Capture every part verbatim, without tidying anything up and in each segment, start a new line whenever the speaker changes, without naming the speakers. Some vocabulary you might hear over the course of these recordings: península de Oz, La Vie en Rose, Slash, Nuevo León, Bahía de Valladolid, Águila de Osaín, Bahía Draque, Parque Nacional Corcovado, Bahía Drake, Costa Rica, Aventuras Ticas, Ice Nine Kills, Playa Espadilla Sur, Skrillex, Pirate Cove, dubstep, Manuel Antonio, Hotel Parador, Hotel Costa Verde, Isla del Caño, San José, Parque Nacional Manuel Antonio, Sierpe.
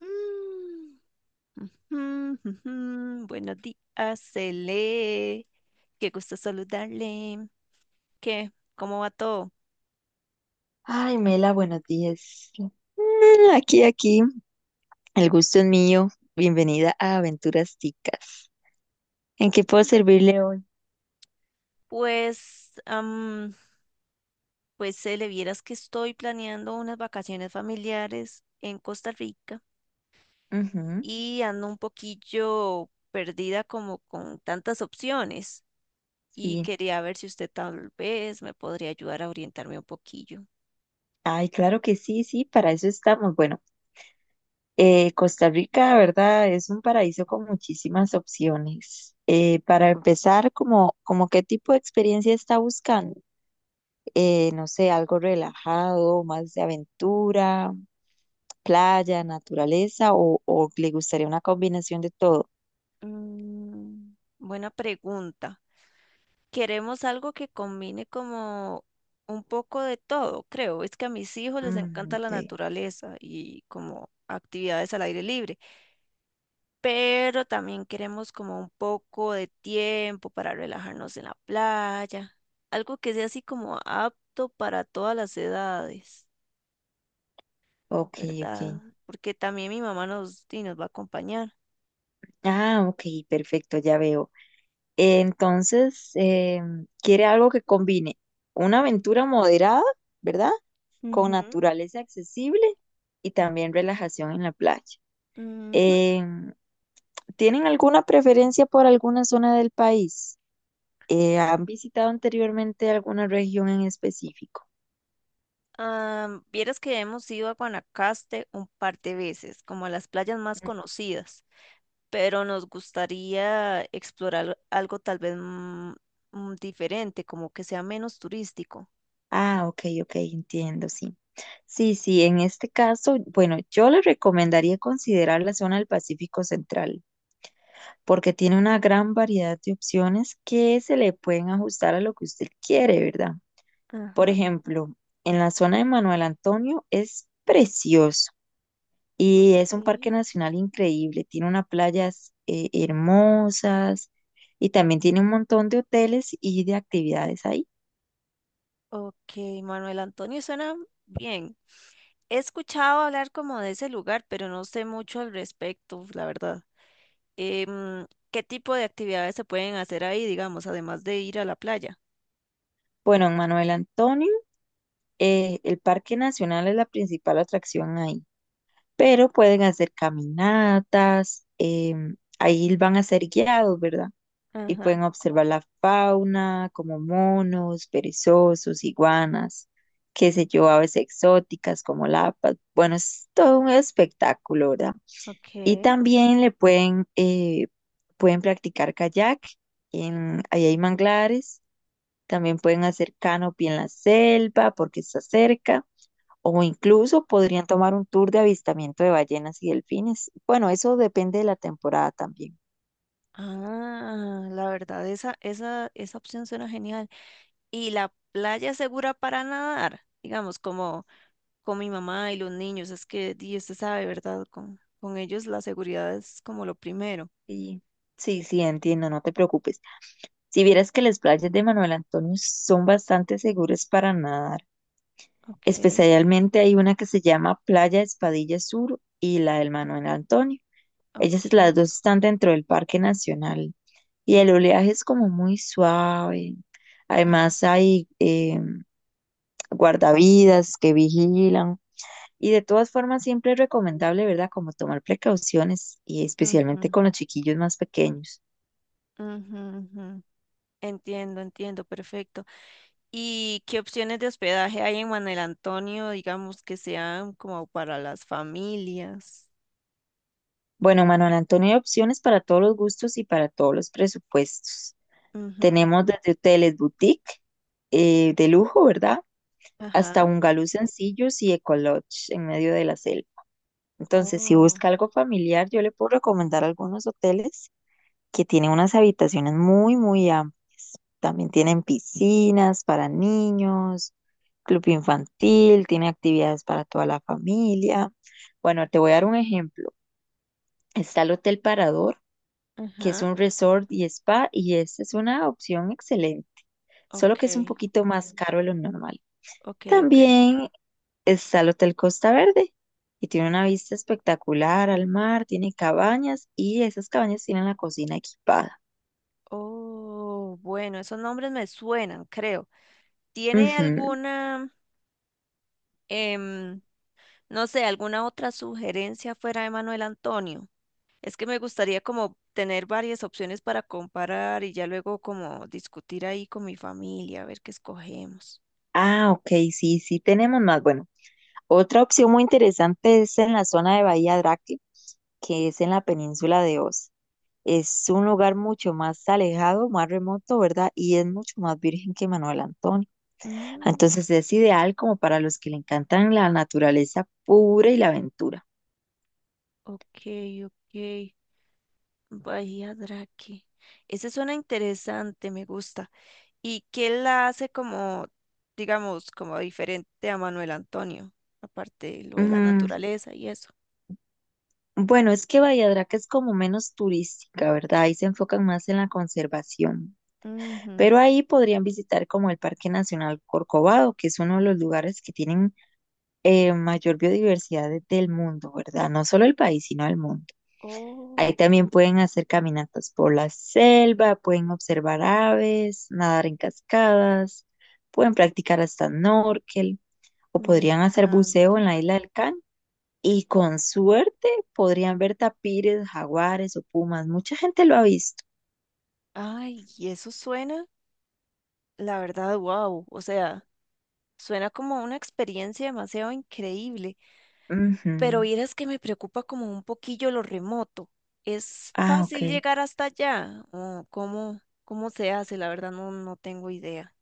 Mm, mm, ujú. Buenos días, Cele. Qué gusto saludarle. ¿Qué? ¿Cómo va todo?
Ay, Mela, buenos días. Mm, Aquí, aquí, el gusto es mío. Bienvenida a Aventuras Ticas. ¿En qué puedo servirle hoy?
Pues, am, pues Cele, vieras que estoy planeando unas vacaciones familiares en Costa Rica
Ujú,
y ando un poquillo perdida como con tantas opciones y
sí.
quería ver si usted tal vez me podría ayudar a orientarme un poquillo.
Ay, claro que sí, sí, para eso estamos. Bueno, eh, Costa Rica, ¿verdad? Es un paraíso con muchísimas opciones. Eh, para empezar, como, como ¿qué tipo de experiencia está buscando? Eh, no sé, algo relajado, más de aventura, playa, naturaleza, o, o le gustaría una combinación de todo.
Mm, buena pregunta. Queremos algo que combine como un poco de todo, creo. Es que a mis hijos les
Mm,
encanta la
ok,
naturaleza y como actividades al aire libre, pero también queremos como un poco de tiempo para relajarnos en la playa, algo que sea así como apto para todas las edades,
ok, ok.
¿verdad? Porque también mi mamá nos, y nos va a acompañar.
Ah, ok, perfecto, ya veo. Entonces, eh, quiere algo que combine una aventura moderada, ¿verdad? Con
Ujú,
naturaleza accesible y también relajación en la playa.
ujú.
Em, ¿Tienen alguna preferencia por alguna zona del país? Eh, ¿han visitado anteriormente alguna región en específico?
Ah, vieras que hemos ido a Guanacaste un par de veces, como a las playas más conocidas, pero nos gustaría explorar algo tal vez mm, mm, diferente, como que sea menos turístico.
Ah, ok, ok, entiendo, sí. Sí, sí, en este caso, bueno, yo le recomendaría considerar la zona del Pacífico Central, porque tiene una gran variedad de opciones que se le pueden ajustar a lo que usted quiere, ¿verdad? Por
Ajá.
ejemplo, en la zona de Manuel Antonio es precioso y es un
Ok.
parque nacional increíble, tiene unas playas eh, hermosas, y también tiene un montón de hoteles y de actividades ahí.
Ok, Manuel Antonio suena bien. He escuchado hablar como de ese lugar, pero no sé mucho al respecto, la verdad. Em, ¿Qué tipo de actividades se pueden hacer ahí, digamos, además de ir a la playa?
Bueno, en Manuel Antonio, Eh, el Parque Nacional es la principal atracción ahí, pero pueden hacer caminatas. Em, ahí van a ser guiados, ¿verdad? Y
Ajá.
pueden observar la fauna, como monos, perezosos, iguanas, qué sé yo, aves exóticas como lapas. Bueno, es todo un espectáculo, ¿verdad?
Ok.
Y también le pueden, eh, pueden practicar kayak. En, ahí hay manglares. También pueden hacer canopy en la selva porque está cerca. O incluso podrían tomar un tour de avistamiento de ballenas y delfines. Bueno, eso depende de la temporada también.
Ah, la verdad, esa, esa, esa opción suena genial. ¿Y la playa es segura para nadar? Digamos, como con mi mamá y los niños, es que di, usted sabe, ¿verdad? Con, con ellos la seguridad es como lo primero.
Sí, sí, sí, entiendo, no te preocupes. Si vieras que las playas de Manuel Antonio son bastante seguras para nadar,
Okay,
especialmente hay una que se llama Playa Espadilla Sur y la del Manuel Antonio. Ellas las
okay,
dos están dentro del Parque Nacional y el oleaje es como muy suave. Además hay eh, guardavidas que vigilan. Y de todas formas, siempre es recomendable, ¿verdad? Como tomar precauciones, y especialmente
ujú,
con los chiquillos más pequeños.
ujú, ujú. Entiendo, entiendo, perfecto. ¿Y qué opciones de hospedaje hay en Manuel Antonio, digamos, que sean como para las familias?
Bueno, Manuel Antonio, hay opciones para todos los gustos y para todos los presupuestos.
Ujú.
Tenemos desde hoteles boutique eh, de lujo, ¿verdad? Hasta
Ajá.
bungalows sencillos y ecolodge en medio de la selva. Entonces, si
Oh,
busca algo familiar, yo le puedo recomendar algunos hoteles que tiene unas habitaciones muy, muy amplias. También tienen piscinas para niños, club infantil, tiene actividades para toda la familia. Bueno, te voy a dar un ejemplo. Está el Hotel Parador, que es
ajá.
un resort y spa, y esa es una opción excelente, solo que es un
Ok.
poquito más caro de lo normal.
Ok, ok.
También está el Hotel Costa Verde, y tiene una vista espectacular al mar, tiene cabañas, y esas cabañas tienen la cocina equipada.
Oh, bueno, esos nombres me suenan, creo. ¿Tiene
Ujú.
alguna, em, no sé, alguna otra sugerencia fuera de Manuel Antonio? Es que me gustaría como tener varias opciones para comparar y ya luego como discutir ahí con mi familia, a ver qué escogemos.
Ah, ok, sí, sí tenemos más. Bueno, otra opción muy interesante es en la zona de Bahía Draque, que es en la península de Oz. Es un lugar mucho más alejado, más remoto, ¿verdad? Y es mucho más virgen que Manuel Antonio.
Mm,
Entonces es ideal como para los que le encantan la naturaleza pura y la aventura.
ok, ok. Bahía Drake. Ese suena interesante, me gusta. ¿Y qué la hace como, digamos, como diferente a Manuel Antonio? Aparte de lo de la
Mm,
naturaleza y eso.
bueno, es que Bahía Draque es como menos turística, ¿verdad? Ahí se enfocan más en la conservación.
Ujú.
Pero ahí podrían visitar como el Parque Nacional Corcovado, que es uno de los lugares que tienen eh, mayor biodiversidad de- del mundo, ¿verdad? No solo el país, sino el mundo.
Oh,
Ahí también pueden hacer caminatas por la selva, pueden observar aves, nadar en cascadas, pueden practicar hasta snorkel o
me
podrían hacer
encanta.
buceo en la isla del Can. Y con suerte podrían ver tapires, jaguares o pumas. Mucha gente lo ha visto.
Ay, ¿y eso suena? La verdad, wow. O sea, suena como una experiencia demasiado increíble. Pero
Ujú.
vieras que me preocupa como un poquillo lo remoto. ¿Es
Ah,
fácil
ok.
llegar hasta allá? ¿O cómo, cómo se hace? La verdad, no, no tengo idea.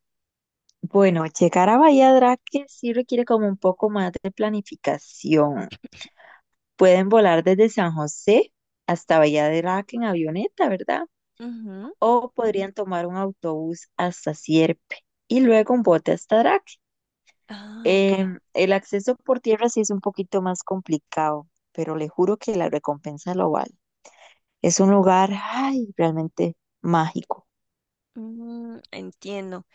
Bueno, llegar a Bahía Draque sí requiere como un poco más de planificación. Pueden volar desde San José hasta Bahía de Valladolid en avioneta, ¿verdad?
Ujú.
O podrían tomar un autobús hasta Sierpe y luego un bote hasta Drac.
Ah, ok.
Em, el acceso por tierra sí es un poquito más complicado, pero le juro que la recompensa lo vale. Es un lugar, ay, realmente mágico.
Mm, entiendo.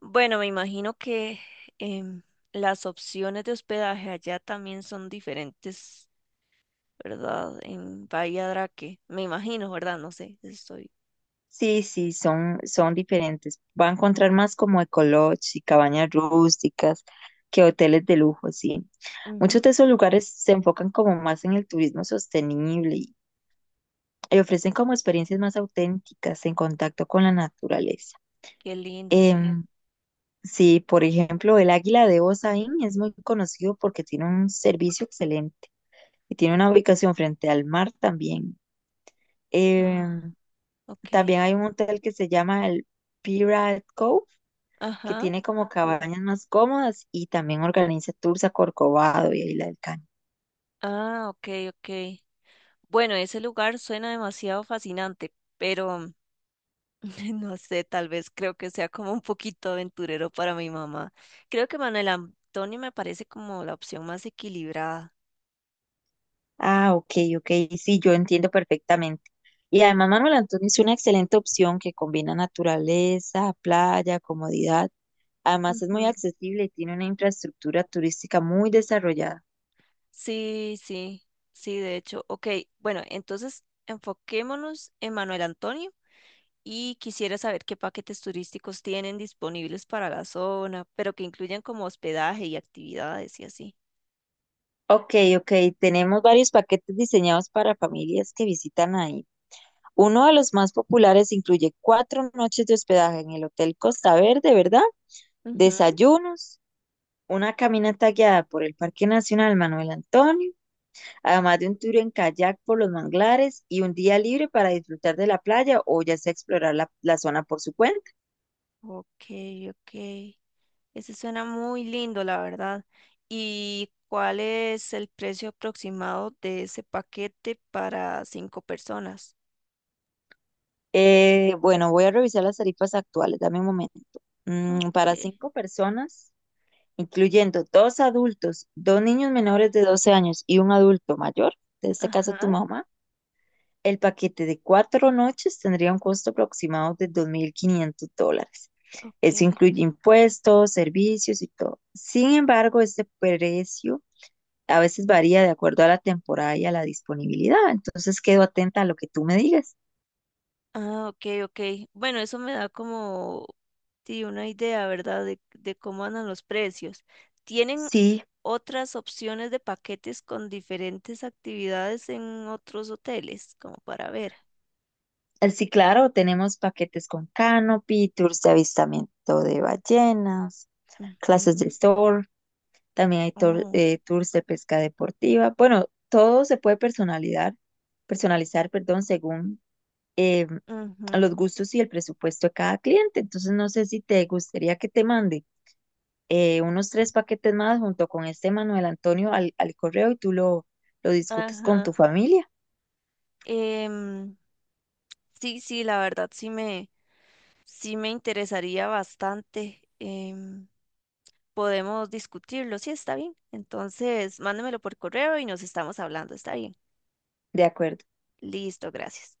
Bueno, me imagino que em, las opciones de hospedaje allá también son diferentes, ¿verdad? En Bahía Draque, me imagino, ¿verdad? No sé, estoy.
Sí, sí, son, son diferentes. Va a encontrar más como ecolodge y cabañas rústicas que hoteles de lujo, sí.
Ujú.
Muchos de esos lugares se enfocan como más en el turismo sostenible y, y ofrecen como experiencias más auténticas en contacto con la naturaleza.
Qué lindo, sí.
Em, sí, por ejemplo, el Águila de Osaín es muy conocido porque tiene un servicio excelente y tiene una ubicación frente al mar también.
Ah,
Em,
ok.
También hay un hotel que se llama el Pirate Cove, que
Ajá.
tiene como cabañas más cómodas y también organiza tours a Corcovado y a Isla del Caño.
Ah, ok, ok. Bueno, ese lugar suena demasiado fascinante, pero no sé, tal vez creo que sea como un poquito aventurero para mi mamá. Creo que Manuel Antonio me parece como la opción más equilibrada.
Ah, ok, ok, sí, yo entiendo perfectamente. Y además Manuel Antonio es una excelente opción que combina naturaleza, playa, comodidad. Además es muy accesible y tiene una infraestructura turística muy desarrollada.
Sí, sí, sí, de hecho. Ok, bueno, entonces enfoquémonos en Manuel Antonio y quisiera saber qué paquetes turísticos tienen disponibles para la zona, pero que incluyan como hospedaje y actividades y así.
Ok, ok, tenemos varios paquetes diseñados para familias que visitan ahí. Uno de los más populares incluye cuatro noches de hospedaje en el Hotel Costa Verde, ¿verdad?
Ujú.
Desayunos, una caminata guiada por el Parque Nacional Manuel Antonio, además de un tour en kayak por los manglares y un día libre para disfrutar de la playa o ya sea explorar la, la zona por su cuenta.
Ok, ok. Ese suena muy lindo, la verdad. ¿Y cuál es el precio aproximado de ese paquete para cinco personas?
Eh, bueno, voy a revisar las tarifas actuales, dame un momento. Mm,
Ok,
para cinco personas, incluyendo dos adultos, dos niños menores de doce años y un adulto mayor, en este caso tu
ajá,
mamá, el paquete de cuatro noches tendría un costo aproximado de dos mil quinientos dólares.
ok.
Eso incluye impuestos, servicios y todo. Sin embargo, este precio a veces varía de acuerdo a la temporada y a la disponibilidad. Entonces, quedo atenta a lo que tú me digas.
Ah, ok, ok. Bueno, eso me da como sí, una idea, ¿verdad? De, de cómo andan los precios. ¿Tienen
Sí,
otras opciones de paquetes con diferentes actividades en otros hoteles, como para ver?
eh, sí, claro, tenemos paquetes con canopy, tours de avistamiento de ballenas, clases de
Ujú.
store. También hay tour-
Oh,
eh, tours de pesca deportiva. Bueno, todo se puede personalizar, personalizar, perdón, según eh, los
ujú.
gustos y el presupuesto de cada cliente. Entonces, no sé si te gustaría que te mande eh, unos tres paquetes más junto con este Manuel Antonio al, al correo y tú lo, lo discutes con
Ajá.
tu familia.
Em, sí, sí, la verdad sí me, sí me interesaría bastante. Em, Podemos discutirlo, sí, está bien. Entonces, mándemelo por correo y nos estamos hablando, está bien.
De acuerdo.
Listo, gracias.